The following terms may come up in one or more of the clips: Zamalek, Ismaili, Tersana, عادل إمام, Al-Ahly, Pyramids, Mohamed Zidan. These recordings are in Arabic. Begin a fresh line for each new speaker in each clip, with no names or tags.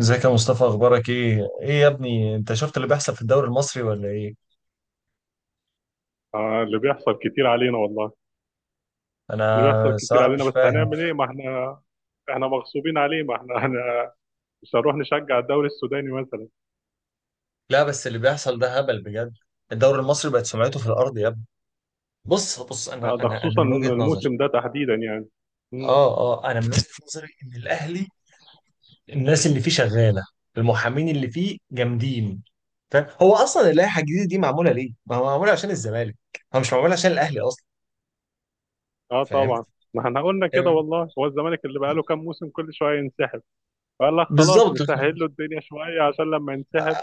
ازيك يا مصطفى؟ اخبارك ايه؟ يا ابني، انت شفت اللي بيحصل في الدوري المصري ولا ايه؟
آه، اللي بيحصل كتير علينا والله.
انا
اللي بيحصل كتير
الصراحه
علينا،
مش
بس
فاهم.
هنعمل ايه؟ ما احنا مغصوبين عليه. ما احنا مش هنروح نشجع الدوري السوداني مثلا.
لا، بس اللي بيحصل ده هبل بجد. الدوري المصري بقت سمعته في الارض يا ابني. بص بص، انا
آه، ده
انا انا
خصوصا
من وجهه نظري.
الموسم ده تحديدا يعني. مم.
اه اه انا من وجهه نظري ان الاهلي، الناس اللي فيه شغاله، المحامين اللي فيه جامدين. فاهم؟ هو اصلا اللائحه الجديده دي معموله ليه؟ ما هو معموله عشان الزمالك. هو مش معموله عشان الاهلي اصلا.
اه،
فاهم؟
طبعا. ما احنا قلنا كده والله، هو الزمالك اللي بقاله كام موسم كل شويه ينسحب. قال لك خلاص
بالظبط.
نسهل له الدنيا شويه عشان لما ينسحب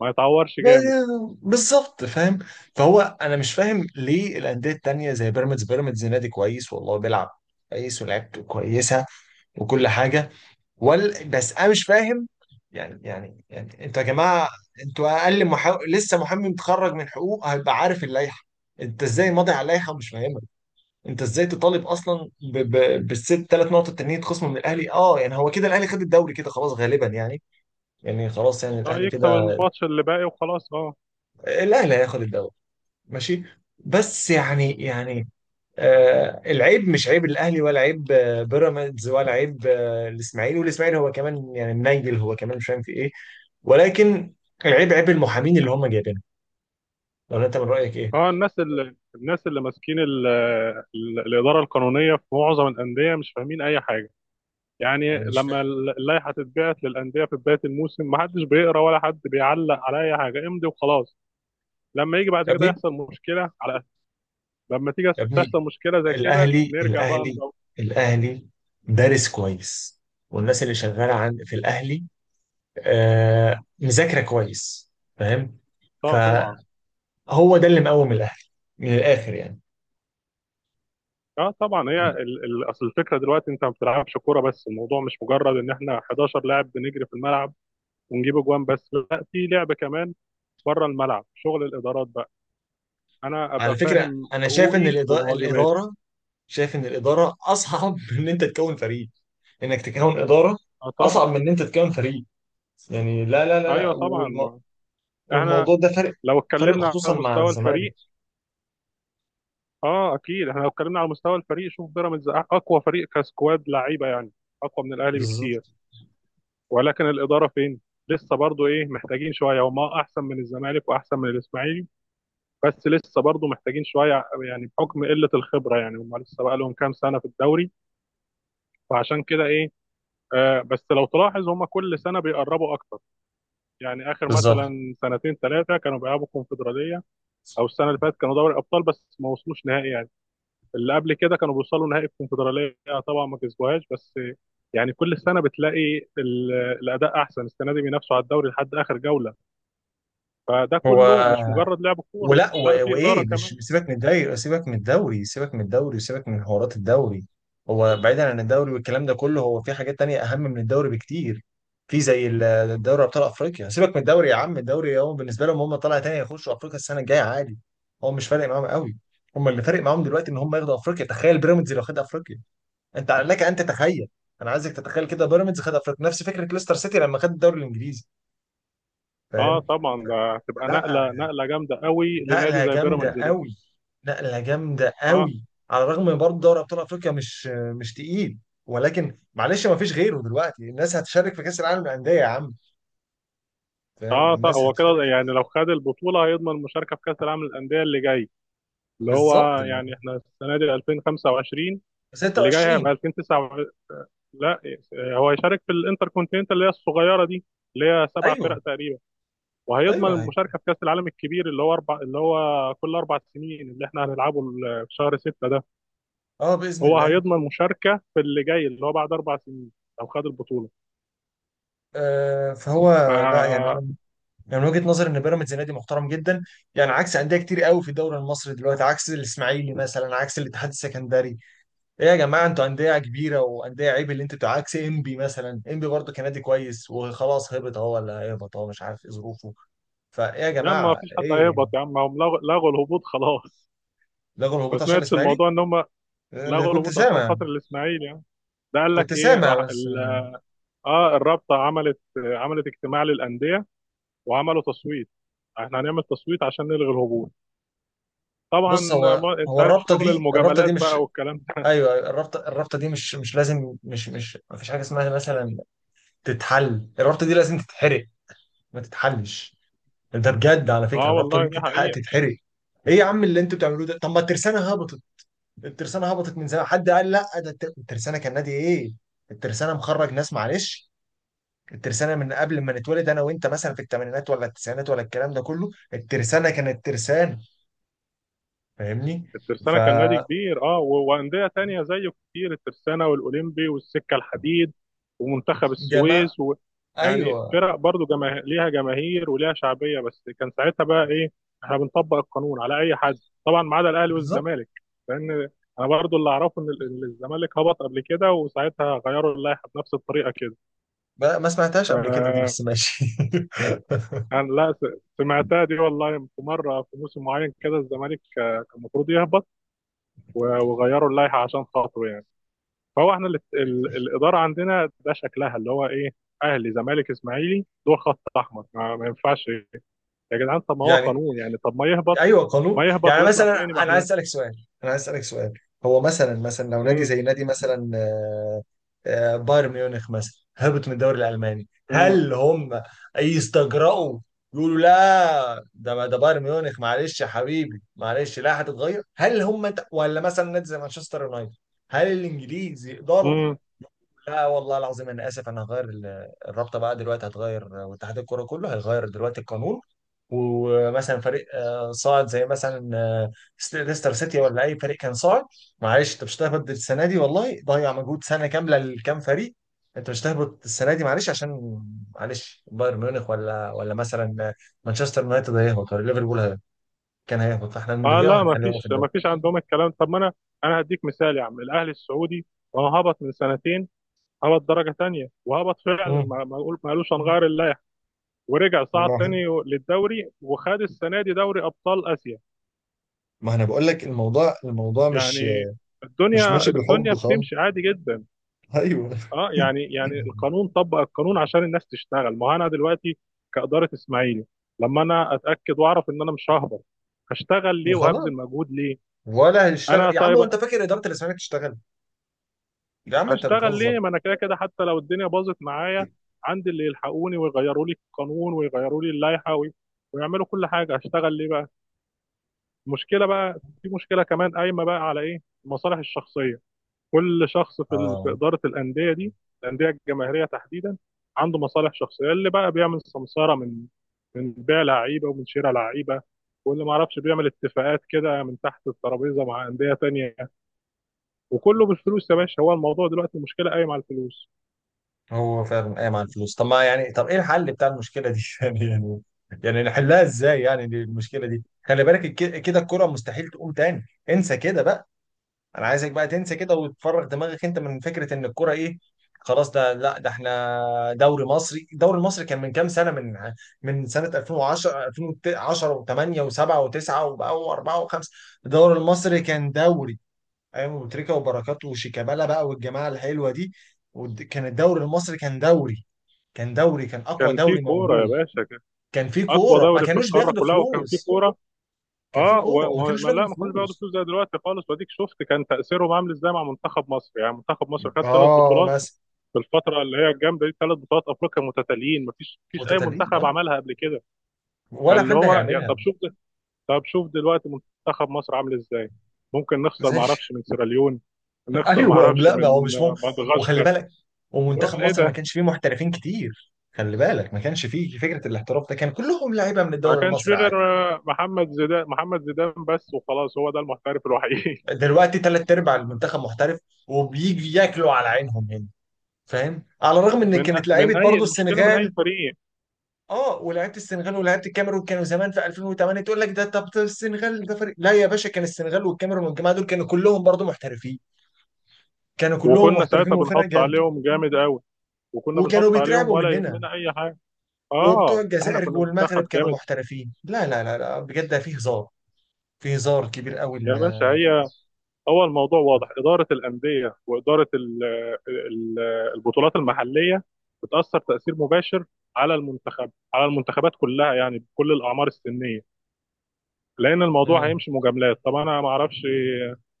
ما يتعورش جامد.
بالظبط، فاهم؟ فهو انا مش فاهم ليه الانديه التانيه زي بيراميدز. بيراميدز نادي كويس والله، بيلعب كويس ولعبته كويسه، وكل حاجه. بس انا مش فاهم. يعني انتوا يا جماعه، انتوا اقل لسه محامي متخرج من حقوق هيبقى عارف اللائحه. انت ازاي ماضي على اللائحه ومش فاهمها؟ انت ازاي تطالب اصلا بالست ثلاث نقط التانيين يتخصموا من الاهلي؟ اه يعني هو كده الاهلي خد الدوري كده خلاص غالبا، يعني يعني خلاص، يعني
اه،
الاهلي
يكسب
كده.
الماتش اللي باقي وخلاص، اه.
الاهلي هياخد الدوري. ماشي. بس يعني. العيب مش عيب الاهلي، ولا عيب بيراميدز، ولا عيب الاسماعيلي. والاسماعيلي هو كمان يعني منيل، هو كمان مش فاهم في ايه. ولكن، العيب عيب المحامين اللي هم جايبينهم. لو انت من رايك ايه؟
الناس اللي ماسكين الاداره القانونيه في معظم الانديه مش فاهمين اي حاجه. يعني
انا مش
لما
فاهم.
اللائحه تتبعت للانديه في بدايه الموسم، ما حدش بيقرا ولا حد بيعلق على اي حاجه، امضي وخلاص. لما يجي بعد
يا
كده
ابني،
يحصل مشكله على أساس، لما تيجي
يا
تحصل
ابني،
مشكله زي كده
الاهلي
نرجع بقى
الاهلي
ندور.
الاهلي دارس كويس، والناس اللي شغاله عن في الاهلي، مذاكره كويس. فاهم؟ فهو،
طبعا.
ده اللي مقوم الاهلي، من الاخر يعني.
اه طبعا، هي اصل الفكره دلوقتي انت ما بتلعبش كوره. بس الموضوع مش مجرد ان احنا 11 لاعب بنجري في الملعب ونجيب اجوان، بس لا، في لعب كمان بره الملعب، شغل الادارات بقى. انا
على
ابقى
فكرة،
فاهم
أنا شايف إن
حقوقي وواجباتي.
الإدارة أصعب من إن أنت تكون فريق. إنك تكون إدارة
اه
أصعب
طبعا.
من إن أنت تكون فريق. يعني لا لا لا
ايوه
لا،
طبعا. ما احنا
والموضوع ده فرق،
لو
فرق
اتكلمنا على
خصوصا مع
مستوى
الزمالك.
الفريق، اه اكيد، احنا لو اتكلمنا على مستوى الفريق، شوف بيراميدز اقوى فريق كسكواد لعيبه، يعني اقوى من الاهلي بكتير.
بالظبط.
ولكن الاداره فين؟ لسه برضو ايه، محتاجين شويه. هما احسن من الزمالك واحسن من الاسماعيلي، بس لسه برضو محتاجين شويه، يعني بحكم قله الخبره. يعني هما لسه بقى لهم كام سنه في الدوري، فعشان كده ايه، آه، بس لو تلاحظ هما كل سنه بيقربوا اكتر. يعني اخر
بالظبط.
مثلا سنتين ثلاثه كانوا بيلعبوا كونفدراليه، او السنه اللي فاتت كانوا دوري ابطال بس ما وصلوش نهائي يعني، اللي قبل كده كانوا بيوصلوا نهائي الكونفدراليه، طبعا ما كسبوهاش، بس يعني كل سنه بتلاقي الاداء احسن. السنه دي بينافسوا على الدوري لحد اخر جوله، فده
هو
كله مش مجرد لعب كوره،
ولا
لا، في اداره
وايه، مش
كمان.
سيبك من الدوري، سيبك من الدوري، سيبك من الدوري، وسيبك من حوارات الدوري. هو بعيدا عن الدوري والكلام ده كله، هو في حاجات تانية اهم من الدوري بكتير. في زي دوري ابطال افريقيا. سيبك من الدوري يا عم، الدوري هو بالنسبه لهم هم طالع، تاني يخشوا افريقيا السنه الجايه عادي. هو مش فارق معاهم قوي. هم اللي فارق معاهم دلوقتي ان هم ياخدوا افريقيا. تخيل بيراميدز لو خد افريقيا، انت لك ان تتخيل. انا عايزك تتخيل كده بيراميدز خد افريقيا، نفس فكره ليستر سيتي لما خد الدوري الانجليزي.
اه
فاهم؟
طبعا، ده هتبقى
لا.
نقله جامده قوي لنادي
نقلة
زي
جامدة
بيراميدز ده.
قوي، نقلة جامدة
اه.
قوي. على الرغم من برضه دوري أبطال أفريقيا مش تقيل. ولكن معلش، ما فيش غيره دلوقتي، الناس هتشارك في كأس العالم للأندية يا عم. فاهم؟
اه طبعا،
الناس
هو كده
هتشارك في
يعني
كأس.
لو خد البطوله هيضمن المشاركه في كاس العالم للانديه اللي جاي، اللي
بالظبط،
هو
اللي هو
يعني احنا السنه دي 2025، اللي جاي هيبقى
26.
2029. لا، هو هيشارك في الانتر كونتيننتال اللي هي الصغيره دي، اللي هي سبع
أيوه،
فرق تقريبا، وهيضمن
أيوه، أيوه.
المشاركه في كاس العالم الكبير اللي هو اربع، اللي هو كل اربع سنين اللي احنا هنلعبه في شهر ستة ده.
اه، باذن
هو
الله.
هيضمن مشاركه في اللي جاي اللي هو بعد اربع سنين لو خد البطوله.
فهو، لا يعني
ف
انا، يعني من وجهه نظري ان بيراميدز نادي محترم جدا، يعني عكس انديه كتير قوي في الدوري المصري دلوقتي، عكس الاسماعيلي مثلا، عكس الاتحاد السكندري. ايه يا جماعه؟ انتوا انديه كبيره وانديه، عيب اللي انتوا. عكس انبي مثلا، انبي برضه كان نادي كويس وخلاص، هبط اهو ولا هيهبط اهو مش عارف ايه ظروفه. فايه يا
لا، ما
جماعه،
فيش حد
ايه؟
هيهبط يا عم، هم لغوا الهبوط خلاص.
لغوا
ما
الهبوط عشان
سمعتش
الاسماعيلي.
الموضوع ان هم
اللي
لغوا
كنت
الهبوط عشان
سامع،
خاطر الاسماعيلي يعني؟ ده قال
كنت
لك ايه،
سامع بس.
اه، الرابطه عملت اجتماع للانديه وعملوا تصويت. احنا هنعمل تصويت عشان نلغي الهبوط، طبعا.
بص، هو
ما انت
هو
عارف
الرابطه
شغل
دي الرابطه دي
المجاملات
مش،
بقى والكلام ده.
ايوه، أيوة، الرابطه دي مش، مش لازم مش مش ما فيش حاجه اسمها مثلا تتحل. الرابطه دي لازم تتحرق، ما تتحلش. ده بجد، على فكره
اه،
الرابطه
والله
دي
دي حقيقه.
تتحرق. ايه يا عم اللي انتوا بتعملوه ده؟ طب ما الترسانه هبطت. الترسانة هبطت من زمان، حد قال لا ده الترسانة كان نادي ايه؟ الترسانة مخرج ناس، معلش. الترسانة من قبل ما نتولد انا وانت مثلا، في الثمانينات ولا التسعينات ولا الكلام ده كله، الترسانة كانت ترسانة. فاهمني؟
الترسانه كان نادي
فجماعة،
كبير، اه، وانديه تانية زيه كتير، الترسانه والاولمبي والسكه الحديد ومنتخب السويس يعني
ايوه.
فرق برضو ليها جماهير وليها شعبيه، بس كان ساعتها بقى ايه، احنا بنطبق القانون على اي حد، طبعا ما عدا الاهلي
بالظبط.
والزمالك. لان انا برضو اللي اعرفه ان الزمالك هبط قبل كده وساعتها غيروا اللائحه بنفس الطريقه كده.
ما سمعتهاش قبل كده دي،
آه،
بس ماشي.
انا لا سمعتها دي والله، في مره في موسم معين كده الزمالك آه، كان المفروض يهبط، وغيروا اللائحه عشان خاطره يعني. فهو احنا اللي الاداره عندنا ده شكلها اللي هو ايه، اهلي زمالك اسماعيلي دول خط احمر، ما ينفعش. يا جدعان، طب ما هو
يعني،
قانون يعني، طب ما يهبط،
ايوه قانون
ما يهبط
يعني.
ويطلع
مثلا
تاني. ما
انا عايز
احنا
اسالك سؤال انا عايز اسالك سؤال هو مثلا لو نادي
امم
زي نادي مثلا آه، آه، بايرن ميونخ مثلا هبط من الدوري الالماني،
امم
هل هم يستجرأوا يقولوا لا ده؟ ما ده بايرن ميونخ، معلش يا حبيبي معلش، لا هتتغير. هل هم انت ولا مثلا نادي زي مانشستر يونايتد، هل الانجليز يقدروا؟
امم
لا والله العظيم، انا اسف، انا هغير الرابطه بقى دلوقتي، هتغير، واتحاد الكوره كله هيغير دلوقتي القانون. ومثلا فريق صاعد زي مثلا آه، ليستر سيتي ولا اي فريق كان صاعد، معلش انت مش هتهبط السنه دي والله، ضيع مجهود سنه كامله لكام فريق. انت مش هتهبط السنه دي معلش عشان، معلش بايرن ميونخ ولا مثلا مانشستر يونايتد هيهبط ولا ليفربول كان هيهبط، فاحنا
اه
هنلغيها
لا، ما
وهنخليها هو في
فيش
الدوري.
ما فيش عندهم الكلام. طب ما انا، انا هديك مثال يا عم، الاهلي السعودي ما هو هبط من سنتين، هبط درجه تانيه وهبط فعلا.
امم.
ما قالوش هنغير، ورجع صعد
والله،
تاني للدوري وخد السنه دي دوري ابطال اسيا.
ما انا بقول لك، الموضوع مش
يعني
مش
الدنيا
ماشي بالحب
الدنيا
خالص.
بتمشي عادي جدا.
ايوه.
اه يعني، يعني القانون طبق القانون عشان الناس تشتغل. ما هو انا دلوقتي كاداره اسماعيلي، لما انا اتاكد واعرف ان انا مش ههبط، هشتغل ليه
خلاص.
وهبذل مجهود ليه؟
ولا هيشتغل
انا
يا عم،
طيب
وانت فاكر اداره الاسماك تشتغل؟ يا عم انت
هشتغل
بتهزر.
ليه؟ ما انا كده كده حتى لو الدنيا باظت معايا، عندي اللي يلحقوني ويغيروا لي القانون ويغيروا لي اللائحه ويعملوا كل حاجه، هشتغل ليه بقى؟ مشكله بقى، في مشكله كمان قايمه بقى على ايه، المصالح الشخصيه. كل شخص في في
اه،
اداره الانديه دي، الانديه الجماهيريه تحديدا، عنده مصالح شخصيه، اللي بقى بيعمل سمساره من بيع لعيبه ومن شراء لعيبه، واللي ما اعرفش بيعمل اتفاقات كده من تحت الترابيزه مع انديه تانية، وكله بالفلوس يا باشا. هو الموضوع دلوقتي المشكله قايمه على الفلوس.
هو فعلا قايم على الفلوس. طب ما يعني، طب ايه الحل بتاع المشكله دي يعني نحلها ازاي يعني، دي المشكله دي خلي بالك، كده الكره مستحيل تقوم تاني، انسى كده بقى. انا عايزك بقى تنسى كده وتفرغ دماغك انت من فكره ان الكوره ايه. خلاص، ده لا ده احنا دوري مصري. الدوري المصري كان من كام سنه، من سنه 2010، 2010 و8 و7 و9 وبقى و4 و5. الدوري المصري كان دوري، ايام ابو تريكه وبركات وشيكابالا بقى والجماعه الحلوه دي، كان الدوري المصري كان دوري، كان اقوى
كان في
دوري
كوره يا
موجود.
باشا، كان
كان في
اقوى
كوره، ما
دوري في
كانوش
القاره
بياخدوا
كلها وكان في
فلوس.
كوره.
كان في
اه و...
كوره وما
و...
كانوش
ما لا،
بياخدوا
ما كانوش بياخدوا
فلوس.
فلوس زي دلوقتي خالص. واديك شفت كان تاثيرهم عامل ازاي مع منتخب مصر، يعني منتخب مصر خد ثلاث
اه
بطولات
مثلا.
في الفتره اللي هي الجامده دي، ثلاث بطولات افريقيا متتاليين، ما فيش اي
متتابعين،
منتخب
اه.
عملها قبل كده.
ولا
فاللي
حد
هو يعني،
هيعملها.
طب شوف دلوقتي منتخب مصر عامل ازاي، ممكن نخسر
زي.
ما اعرفش من سيراليون، نخسر ما
ايوه،
اعرفش
لا ما هو
من
مش ممكن.
آه،
وخلي
مدغشقر.
بالك،
اللي
ومنتخب
هو ايه
مصر ما
ده،
كانش فيه محترفين كتير، خلي بالك ما كانش فيه فكره الاحتراف ده، كان كلهم لعيبه من
ما
الدوري
كانش في
المصري عادي.
غير آه، محمد زيدان، محمد زيدان بس وخلاص، هو ده المحترف الوحيد.
دلوقتي ثلاث ارباع المنتخب محترف، وبيجي ياكلوا على عينهم هنا. فاهم؟ على الرغم ان
من
كانت
من
لعيبه
اي
برضه
المشكله من اي
السنغال.
فريق.
اه، ولعيبه السنغال ولعيبه الكاميرون كانوا زمان في 2008. تقول لك ده طب ده السنغال ده فريق؟ لا يا باشا، كان السنغال والكاميرون والجماعه دول كانوا كلهم برضه محترفين، كانوا كلهم
وكنا
محترفين
ساعتها
وفرق
بنحط
جامده.
عليهم جامد قوي، وكنا
وكانوا
بنحط عليهم
بيترعبوا
ولا
مننا.
يهمنا اي حاجه.
وبتوع
اه، احنا
الجزائر
كنا
والمغرب
منتخب
كانوا
جامد.
محترفين. لا لا لا لا، بجد ده فيه هزار، فيه هزار كبير قوي
يا باشا، هو الموضوع واضح، اداره الانديه واداره ال ال البطولات المحليه بتاثر تاثير مباشر على المنتخب، على المنتخبات كلها، يعني بكل الاعمار السنيه. لان الموضوع
امم.
هيمشي مجاملات، طب انا ما اعرفش،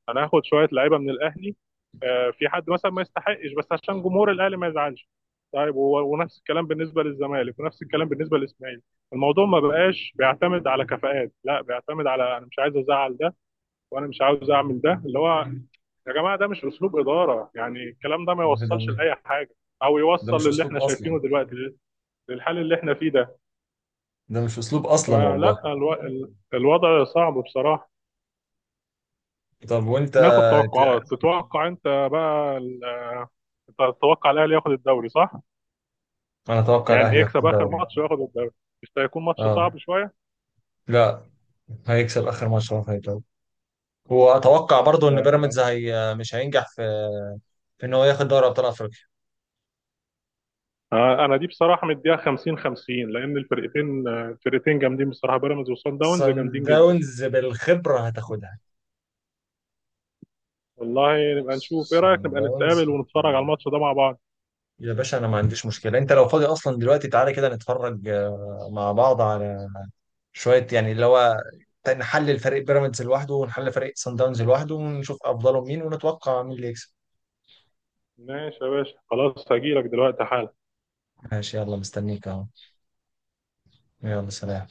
انا هاخد شويه لعيبه من الاهلي آه، في حد مثلا ما يستحقش بس عشان جمهور الاهلي ما يزعلش، طيب ونفس الكلام بالنسبه للزمالك، ونفس الكلام بالنسبه للاسماعيلي. الموضوع ما بقاش بيعتمد على كفاءات، لا، بيعتمد على انا مش عايز ازعل ده، وانا مش عاوز اعمل ده. اللي هو يا جماعه، ده مش اسلوب اداره يعني، الكلام ده ما
ده
يوصلش لاي حاجه، او
ده مش
يوصل للي
اسلوب
احنا
اصلا.
شايفينه دلوقتي، للحال اللي احنا فيه ده.
ده مش اسلوب اصلا والله.
الوضع صعب بصراحه.
طب وانت؟
ناخد توقعات، تتوقع انت بقى انت تتوقع الاهلي ياخد الدوري، صح؟
انا اتوقع
يعني
الاهلي ياخد
يكسب اخر
الدوري.
ماتش وياخد الدوري، مش ده هيكون ماتش
اه.
صعب شويه؟
لا، هيكسب اخر ماتش هو هيتوب. واتوقع برضو ان بيراميدز
ده
هي مش هينجح في ان هو ياخد دوري ابطال افريقيا.
آه، انا دي بصراحه مديها 50-50، لان الفرقتين آه، الفرقتين جامدين بصراحه، بيراميدز وصن داونز
سان
جامدين جدا.
داونز بالخبره هتاخدها.
والله نبقى نشوف، ايه
سان
رايك نبقى
داونز،
نتقابل ونتفرج على الماتش ده مع بعض؟
يا باشا انا ما عنديش مشكله، انت لو فاضي اصلا دلوقتي تعالى كده نتفرج مع بعض على شويه يعني، اللي هو نحلل فريق بيراميدز لوحده ونحلل فريق سان داونز لوحده ونشوف افضلهم مين ونتوقع مين اللي يكسب.
ماشي يا باشا، خلاص هجيلك دلوقتي حالا.
ماشي، يلا مستنيك اهو. يلا سلام.